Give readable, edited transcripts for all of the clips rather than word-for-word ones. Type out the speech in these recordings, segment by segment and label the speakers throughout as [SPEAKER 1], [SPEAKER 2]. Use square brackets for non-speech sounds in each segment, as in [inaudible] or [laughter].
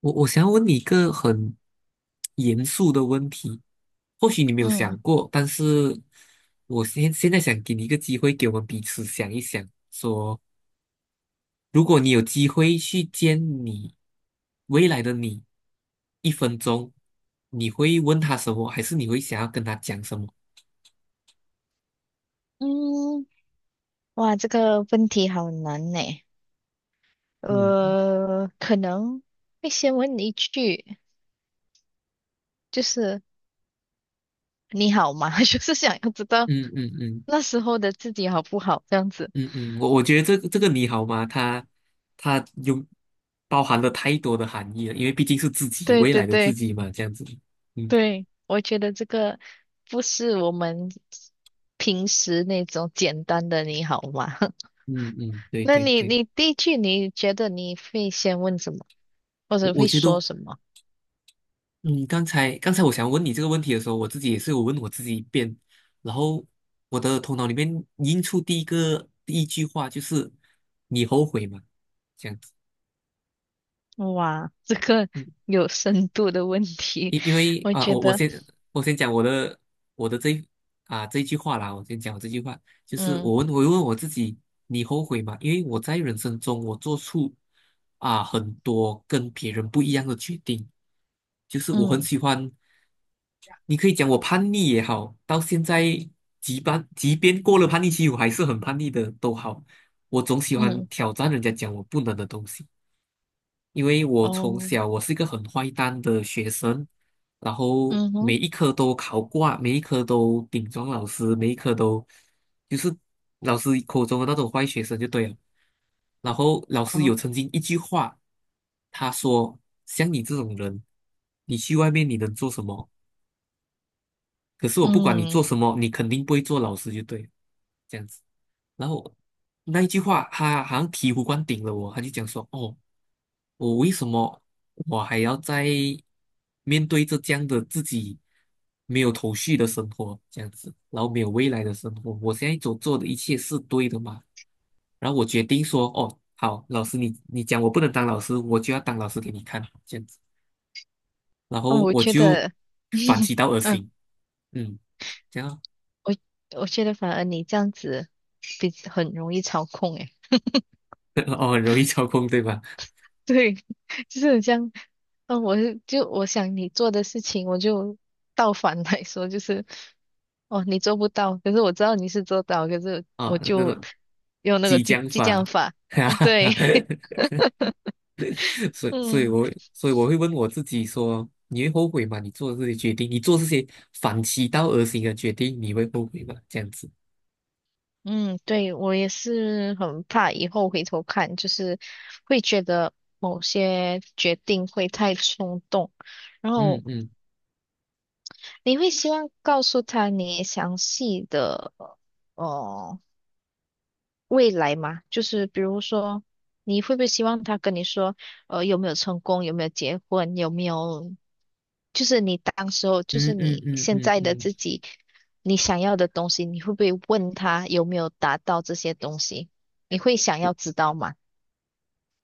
[SPEAKER 1] 我想要问你一个很严肃的问题，或许你没有想
[SPEAKER 2] 嗯
[SPEAKER 1] 过，但是我现在想给你一个机会，给我们彼此想一想，说如果你有机会去见你未来的你，一分钟，你会问他什么，还是你会想要跟他讲什么？
[SPEAKER 2] 嗯，哇，这个问题好难呢。
[SPEAKER 1] 嗯
[SPEAKER 2] 可能会先问一句，就是你好吗？[laughs] 就是想要知道
[SPEAKER 1] 嗯嗯嗯
[SPEAKER 2] 那时候的自己好不好，这样子。
[SPEAKER 1] 嗯嗯，我觉得这个你好吗？它有包含了太多的含义了，因为毕竟是自己
[SPEAKER 2] 对
[SPEAKER 1] 未
[SPEAKER 2] 对
[SPEAKER 1] 来的自
[SPEAKER 2] 对
[SPEAKER 1] 己嘛，这样子。嗯。
[SPEAKER 2] 对，我觉得这个不是我们平时那种简单的你好吗？[laughs]
[SPEAKER 1] 嗯嗯，对
[SPEAKER 2] 那
[SPEAKER 1] 对
[SPEAKER 2] 你
[SPEAKER 1] 对，
[SPEAKER 2] 你第一句你觉得你会先问什么，或
[SPEAKER 1] 我
[SPEAKER 2] 者
[SPEAKER 1] 我
[SPEAKER 2] 会
[SPEAKER 1] 觉得，
[SPEAKER 2] 说什么？
[SPEAKER 1] 嗯，刚才我想问你这个问题的时候，我自己也是有问我自己一遍，然后我的头脑里面映出第一个第一句话就是"你后悔吗？"这样子。
[SPEAKER 2] 哇，这个
[SPEAKER 1] 嗯，
[SPEAKER 2] 有深度的问题，
[SPEAKER 1] 因为
[SPEAKER 2] 我
[SPEAKER 1] 啊、
[SPEAKER 2] 觉
[SPEAKER 1] 我我
[SPEAKER 2] 得，
[SPEAKER 1] 先我先讲我的这一句话啦，我先讲我这句话，就是
[SPEAKER 2] 嗯
[SPEAKER 1] 我问我自己，你后悔吗？因为我在人生中我做出很多跟别人不一样的决定。就是我很
[SPEAKER 2] 嗯
[SPEAKER 1] 喜欢你可以讲我叛逆也好，到现在即便过了叛逆期，我还是很叛逆的都好，我总喜欢
[SPEAKER 2] 嗯，
[SPEAKER 1] 挑战人家讲我不能的东西，因为我从
[SPEAKER 2] 哦，
[SPEAKER 1] 小我是一个很坏蛋的学生，然后
[SPEAKER 2] 嗯
[SPEAKER 1] 每
[SPEAKER 2] 哼，
[SPEAKER 1] 一科都考挂，每一科都顶撞老师，每一科都就是老师口中的那种坏学生就对了。然后老师
[SPEAKER 2] 哦，
[SPEAKER 1] 有曾经一句话，他说："像你这种人，你去外面你能做什么？"可是我不管你做
[SPEAKER 2] 嗯，
[SPEAKER 1] 什么，你肯定不会做老师就对了，这样子。然后那一句话，他好像醍醐灌顶了我，他就讲说："哦，我为什么我还要在面对着这样的自己没有头绪的生活，这样子，然后没有未来的生活？我现在所做的一切是对的吗？"然后我决定说："哦，好，老师你讲我不能当老师，我就要当老师给你看，这样子。"然
[SPEAKER 2] 哦，
[SPEAKER 1] 后
[SPEAKER 2] 我
[SPEAKER 1] 我
[SPEAKER 2] 觉
[SPEAKER 1] 就
[SPEAKER 2] 得，
[SPEAKER 1] 反其
[SPEAKER 2] [laughs]
[SPEAKER 1] 道而
[SPEAKER 2] 嗯，
[SPEAKER 1] 行，嗯，这样
[SPEAKER 2] 我我觉得反而你这样子比很容易操控，诶，
[SPEAKER 1] [laughs] 哦，很容易操控，对吧？
[SPEAKER 2] 对，[laughs] 就是这样，嗯，我是就我想你做的事情，我就倒反来说，就是，哦，你做不到，可是我知道你是做到，可是我
[SPEAKER 1] 那
[SPEAKER 2] 就
[SPEAKER 1] 种
[SPEAKER 2] 用那个
[SPEAKER 1] 激
[SPEAKER 2] 激
[SPEAKER 1] 将
[SPEAKER 2] 激
[SPEAKER 1] 法，
[SPEAKER 2] 将法，
[SPEAKER 1] [laughs]
[SPEAKER 2] [laughs]
[SPEAKER 1] 哈
[SPEAKER 2] 嗯，
[SPEAKER 1] 哈哈，
[SPEAKER 2] 对。[laughs]
[SPEAKER 1] 所以，所以
[SPEAKER 2] 嗯
[SPEAKER 1] 我会所以我会问我自己说，你会后悔吗？你做的这些决定，你做这些反其道而行的决定，你会后悔吗？这样子。
[SPEAKER 2] 嗯，对，我也是很怕以后回头看，就是会觉得某些决定会太冲动，然
[SPEAKER 1] 嗯
[SPEAKER 2] 后
[SPEAKER 1] 嗯
[SPEAKER 2] 你会希望告诉他你详细的哦、呃未来嘛，就是比如说，你会不会希望他跟你说，有没有成功，有没有结婚，有没有，就是你当时候，就
[SPEAKER 1] 嗯
[SPEAKER 2] 是
[SPEAKER 1] 嗯
[SPEAKER 2] 你
[SPEAKER 1] 嗯嗯
[SPEAKER 2] 现
[SPEAKER 1] 嗯，
[SPEAKER 2] 在的
[SPEAKER 1] 嗯，
[SPEAKER 2] 自己，你想要的东西，你会不会问他有没有达到这些东西？你会想要知道吗？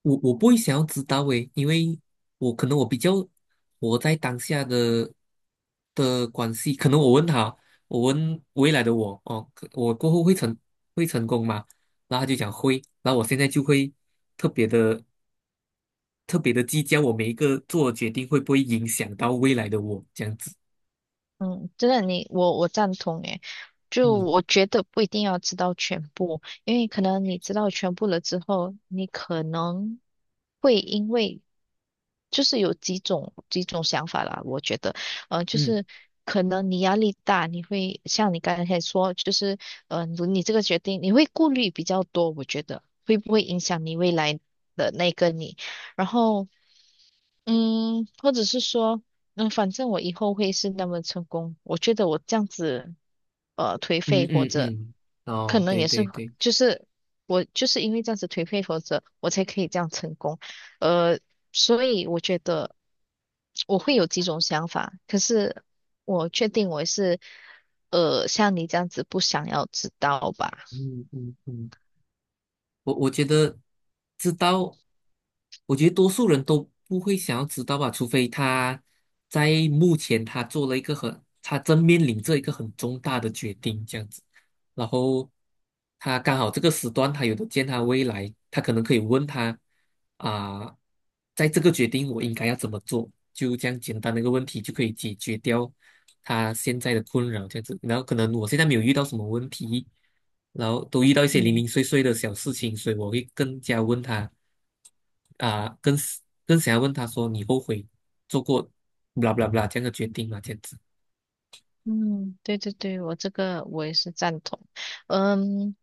[SPEAKER 1] 我不会想要知道诶，因为我可能我比较活在当下的关系，可能我问他，我问未来的我，哦，可我过后会成功吗？然后他就讲会，然后我现在就会特别的特别的计较，我每一个做的决定会不会影响到未来的我，这样子。
[SPEAKER 2] 嗯，真的你，我赞同诶，就
[SPEAKER 1] 嗯
[SPEAKER 2] 我觉得不一定要知道全部，因为可能你知道全部了之后，你可能会因为就是有几种想法啦，我觉得，就
[SPEAKER 1] 嗯
[SPEAKER 2] 是可能你压力大，你会像你刚才说，就是你这个决定你会顾虑比较多，我觉得会不会影响你未来的那个你，然后。或者是说，反正我以后会是那么成功。我觉得我这样子，颓
[SPEAKER 1] 嗯
[SPEAKER 2] 废或
[SPEAKER 1] 嗯
[SPEAKER 2] 者
[SPEAKER 1] 嗯，
[SPEAKER 2] 可
[SPEAKER 1] 哦，
[SPEAKER 2] 能
[SPEAKER 1] 对
[SPEAKER 2] 也是，
[SPEAKER 1] 对对，
[SPEAKER 2] 就是我就是因为这样子颓废或者我才可以这样成功。呃，所以我觉得我会有几种想法，可是我确定我是，像你这样子不想要知道吧。
[SPEAKER 1] 嗯嗯嗯。我觉得知道，我觉得多数人都不会想要知道吧，除非他在目前他做了一个很，他正面临着一个很重大的决定，这样子。然后他刚好这个时段他有的见他未来，他可能可以问他啊、在这个决定我应该要怎么做，就这样简单的一个问题就可以解决掉他现在的困扰，这样子。然后可能我现在没有遇到什么问题，然后都遇到一些零
[SPEAKER 2] 嗯
[SPEAKER 1] 零碎碎的小事情，所以我会更加问他啊、更更想要问他说你后悔做过 blah b l 这样的决定吗？这样子。
[SPEAKER 2] 嗯，对对对，我这个我也是赞同。嗯，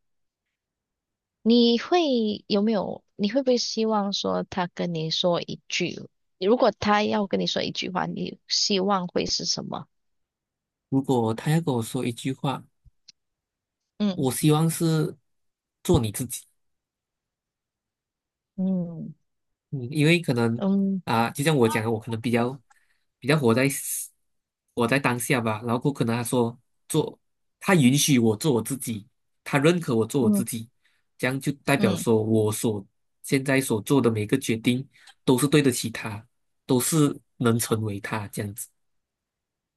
[SPEAKER 2] 你会有没有？你会不会希望说他跟你说一句？如果他要跟你说一句话，你希望会是什么？
[SPEAKER 1] 如果他要跟我说一句话。我
[SPEAKER 2] 嗯
[SPEAKER 1] 希望是做你自己，
[SPEAKER 2] 嗯
[SPEAKER 1] 嗯，因为可能
[SPEAKER 2] 嗯
[SPEAKER 1] 就像我讲的，我可能比较活在 当下吧，然后过可能他说做，他允许我做我自己，他认可我做我自
[SPEAKER 2] 嗯
[SPEAKER 1] 己，这样就代表
[SPEAKER 2] 嗯。
[SPEAKER 1] 说现在所做的每个决定都是对得起他，都是能成为他，这样子。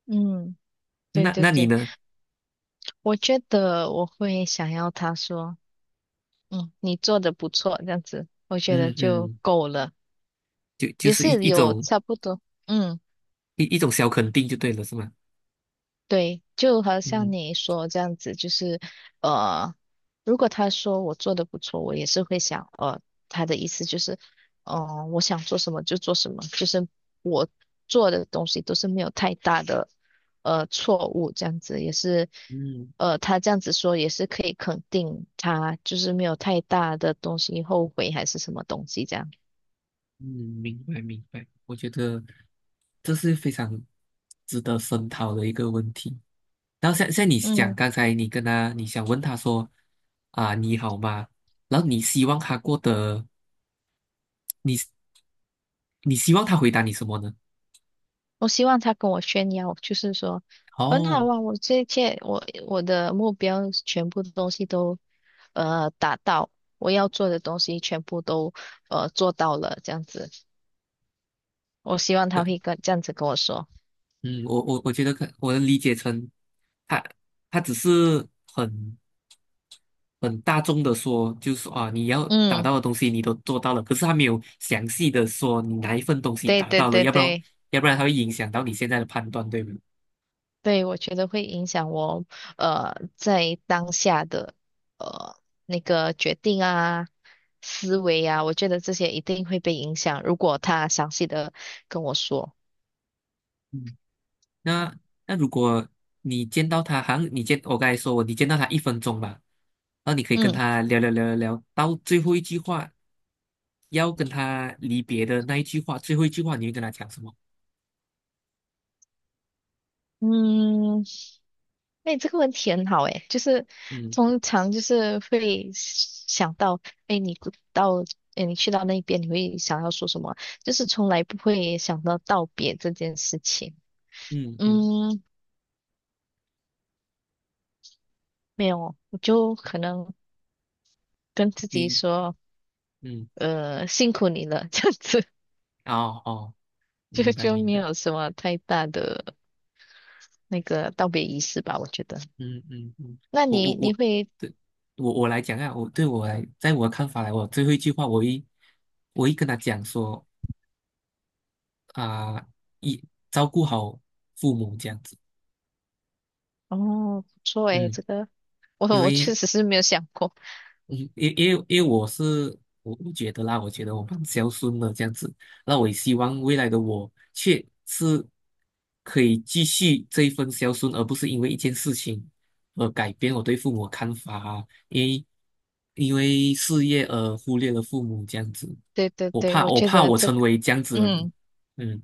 [SPEAKER 2] 嗯，对
[SPEAKER 1] 那
[SPEAKER 2] 对
[SPEAKER 1] 那你
[SPEAKER 2] 对，
[SPEAKER 1] 呢？
[SPEAKER 2] 我觉得我会想要他说，你做的不错，这样子，我觉得
[SPEAKER 1] 嗯
[SPEAKER 2] 就
[SPEAKER 1] 嗯，
[SPEAKER 2] 够了，
[SPEAKER 1] 就就
[SPEAKER 2] 也
[SPEAKER 1] 是一
[SPEAKER 2] 是
[SPEAKER 1] 一
[SPEAKER 2] 有
[SPEAKER 1] 种
[SPEAKER 2] 差不多，嗯。
[SPEAKER 1] 一一种小肯定就对了，是吗？
[SPEAKER 2] 对，就好像
[SPEAKER 1] 嗯
[SPEAKER 2] 你说这样子，就是呃，如果他说我做的不错，我也是会想，他的意思就是，我想做什么就做什么，就是我做的东西都是没有太大的错误，这样子也是，
[SPEAKER 1] 嗯。
[SPEAKER 2] 他这样子说也是可以肯定他就是没有太大的东西后悔还是什么东西这样。
[SPEAKER 1] 嗯，明白明白，我觉得这是非常值得深讨的一个问题。然后像你讲，
[SPEAKER 2] 嗯。
[SPEAKER 1] 刚才你跟他，你想问他说啊，你好吗？然后你希望他过得，你你希望他回答你什么呢？
[SPEAKER 2] 我希望他跟我炫耀，就是说很好
[SPEAKER 1] 哦，
[SPEAKER 2] 啊，我这一切，我的目标全部的东西都达到，我要做的东西全部都做到了，这样子。我希望他会跟这样子跟我说，
[SPEAKER 1] 嗯，我觉得可我能理解成他他只是很很大众的说，就是说啊，你要达
[SPEAKER 2] 嗯，
[SPEAKER 1] 到的东西你都做到了，可是他没有详细的说你哪一份东西
[SPEAKER 2] 对
[SPEAKER 1] 达
[SPEAKER 2] 对
[SPEAKER 1] 到了，
[SPEAKER 2] 对
[SPEAKER 1] 要不然
[SPEAKER 2] 对
[SPEAKER 1] 他会影响到你现在的判断，对吗？
[SPEAKER 2] 对，我觉得会影响我在当下的呃那个决定啊。思维啊，我觉得这些一定会被影响。如果他详细的跟我说，
[SPEAKER 1] 嗯，那那如果你见到他，好像你见我刚才说我你见到他一分钟吧，然后你可以跟
[SPEAKER 2] 嗯。
[SPEAKER 1] 他聊聊聊聊聊，到最后一句话要跟他离别的那一句话，最后一句话你会跟他讲什么？
[SPEAKER 2] 嗯，哎，这个问题很好哎，就是
[SPEAKER 1] 嗯
[SPEAKER 2] 通常就是会想到，哎，你不到，哎，你去到那边，你会想要说什么？就是从来不会想到道别这件事情。
[SPEAKER 1] 嗯嗯，
[SPEAKER 2] 嗯，没有，我就可能跟自己
[SPEAKER 1] 你
[SPEAKER 2] 说，
[SPEAKER 1] 嗯
[SPEAKER 2] 辛苦你了，[laughs] 这样子，
[SPEAKER 1] 嗯哦哦，
[SPEAKER 2] [laughs] 就
[SPEAKER 1] 明白
[SPEAKER 2] 就
[SPEAKER 1] 明
[SPEAKER 2] 没
[SPEAKER 1] 白。
[SPEAKER 2] 有什么太大的那个道别仪式吧，我觉得。
[SPEAKER 1] 嗯嗯嗯，
[SPEAKER 2] 那
[SPEAKER 1] 我我
[SPEAKER 2] 你
[SPEAKER 1] 我，
[SPEAKER 2] 会，
[SPEAKER 1] 对，我来讲啊，我对我来，在我的看法来，我最后一句话，我一跟他讲说啊，一照顾好父母，这样子。
[SPEAKER 2] 哦，不错哎，
[SPEAKER 1] 嗯，
[SPEAKER 2] 这个我
[SPEAKER 1] 因
[SPEAKER 2] 我
[SPEAKER 1] 为
[SPEAKER 2] 确实是没有想过。
[SPEAKER 1] 嗯，因为我是不觉得啦，我觉得我蛮孝顺的，这样子。那我也希望未来的我却是可以继续这一份孝顺，而不是因为一件事情而改变我对父母的看法啊，因为事业而忽略了父母，这样子，
[SPEAKER 2] 对对
[SPEAKER 1] 我
[SPEAKER 2] 对，
[SPEAKER 1] 怕
[SPEAKER 2] 我
[SPEAKER 1] 我
[SPEAKER 2] 觉
[SPEAKER 1] 怕
[SPEAKER 2] 得
[SPEAKER 1] 我
[SPEAKER 2] 这个。
[SPEAKER 1] 成为这样子的人。
[SPEAKER 2] 嗯。
[SPEAKER 1] 嗯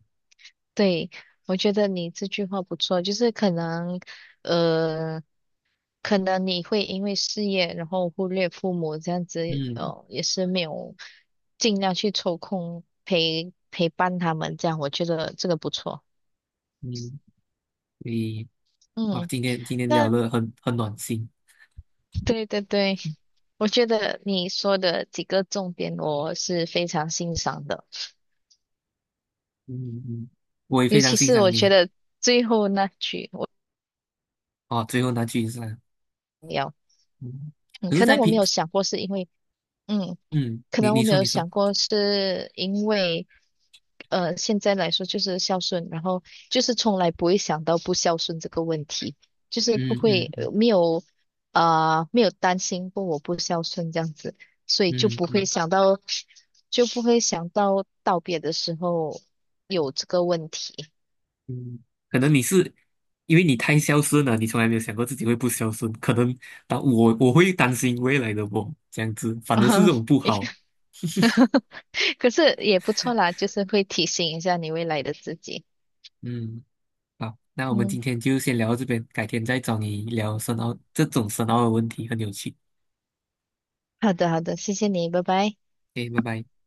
[SPEAKER 2] 对，我觉得你这句话不错，就是可能，呃，可能你会因为事业，然后忽略父母这样子，
[SPEAKER 1] 嗯
[SPEAKER 2] 哦，也是没有尽量去抽空陪伴他们，这样我觉得这个不错。
[SPEAKER 1] 嗯，所以哇，
[SPEAKER 2] 嗯，
[SPEAKER 1] 今天聊
[SPEAKER 2] 那
[SPEAKER 1] 得很暖心，
[SPEAKER 2] 对对对，我觉得你说的几个重点我是非常欣赏的，
[SPEAKER 1] 嗯嗯，我也
[SPEAKER 2] 尤
[SPEAKER 1] 非常
[SPEAKER 2] 其
[SPEAKER 1] 欣
[SPEAKER 2] 是
[SPEAKER 1] 赏
[SPEAKER 2] 我
[SPEAKER 1] 你
[SPEAKER 2] 觉
[SPEAKER 1] 啊，
[SPEAKER 2] 得最后那句我
[SPEAKER 1] 哦，最后那句是。
[SPEAKER 2] 要，
[SPEAKER 1] 嗯，
[SPEAKER 2] 嗯，
[SPEAKER 1] 可是，
[SPEAKER 2] 可
[SPEAKER 1] 在
[SPEAKER 2] 能我没
[SPEAKER 1] 平，
[SPEAKER 2] 有想过是因为。嗯。
[SPEAKER 1] 嗯，
[SPEAKER 2] 可
[SPEAKER 1] 你
[SPEAKER 2] 能我
[SPEAKER 1] 你
[SPEAKER 2] 没
[SPEAKER 1] 说
[SPEAKER 2] 有
[SPEAKER 1] 你说，
[SPEAKER 2] 想过，是因为，现在来说就是孝顺，然后就是从来不会想到不孝顺这个问题，就是
[SPEAKER 1] 嗯
[SPEAKER 2] 不会
[SPEAKER 1] 嗯嗯
[SPEAKER 2] 没有没有担心过我不孝顺这样子，所以就
[SPEAKER 1] 嗯
[SPEAKER 2] 不会
[SPEAKER 1] 嗯
[SPEAKER 2] 想到就不会想到道别的时候有这个问题。
[SPEAKER 1] 嗯，可能你是因为你太孝顺了，你从来没有想过自己会不孝顺，可能当我会担心未来的我这样子，
[SPEAKER 2] [laughs]
[SPEAKER 1] 反而是
[SPEAKER 2] 啊
[SPEAKER 1] 这种不好。
[SPEAKER 2] 可是也不错啦，就是会提醒一下你未来的自己。
[SPEAKER 1] 嗯，好，那我们今
[SPEAKER 2] 嗯，
[SPEAKER 1] 天就先聊到这边，改天再找你聊深奥这种深奥的问题，很有趣。
[SPEAKER 2] 好的好的，谢谢你，拜拜。
[SPEAKER 1] OK，拜拜。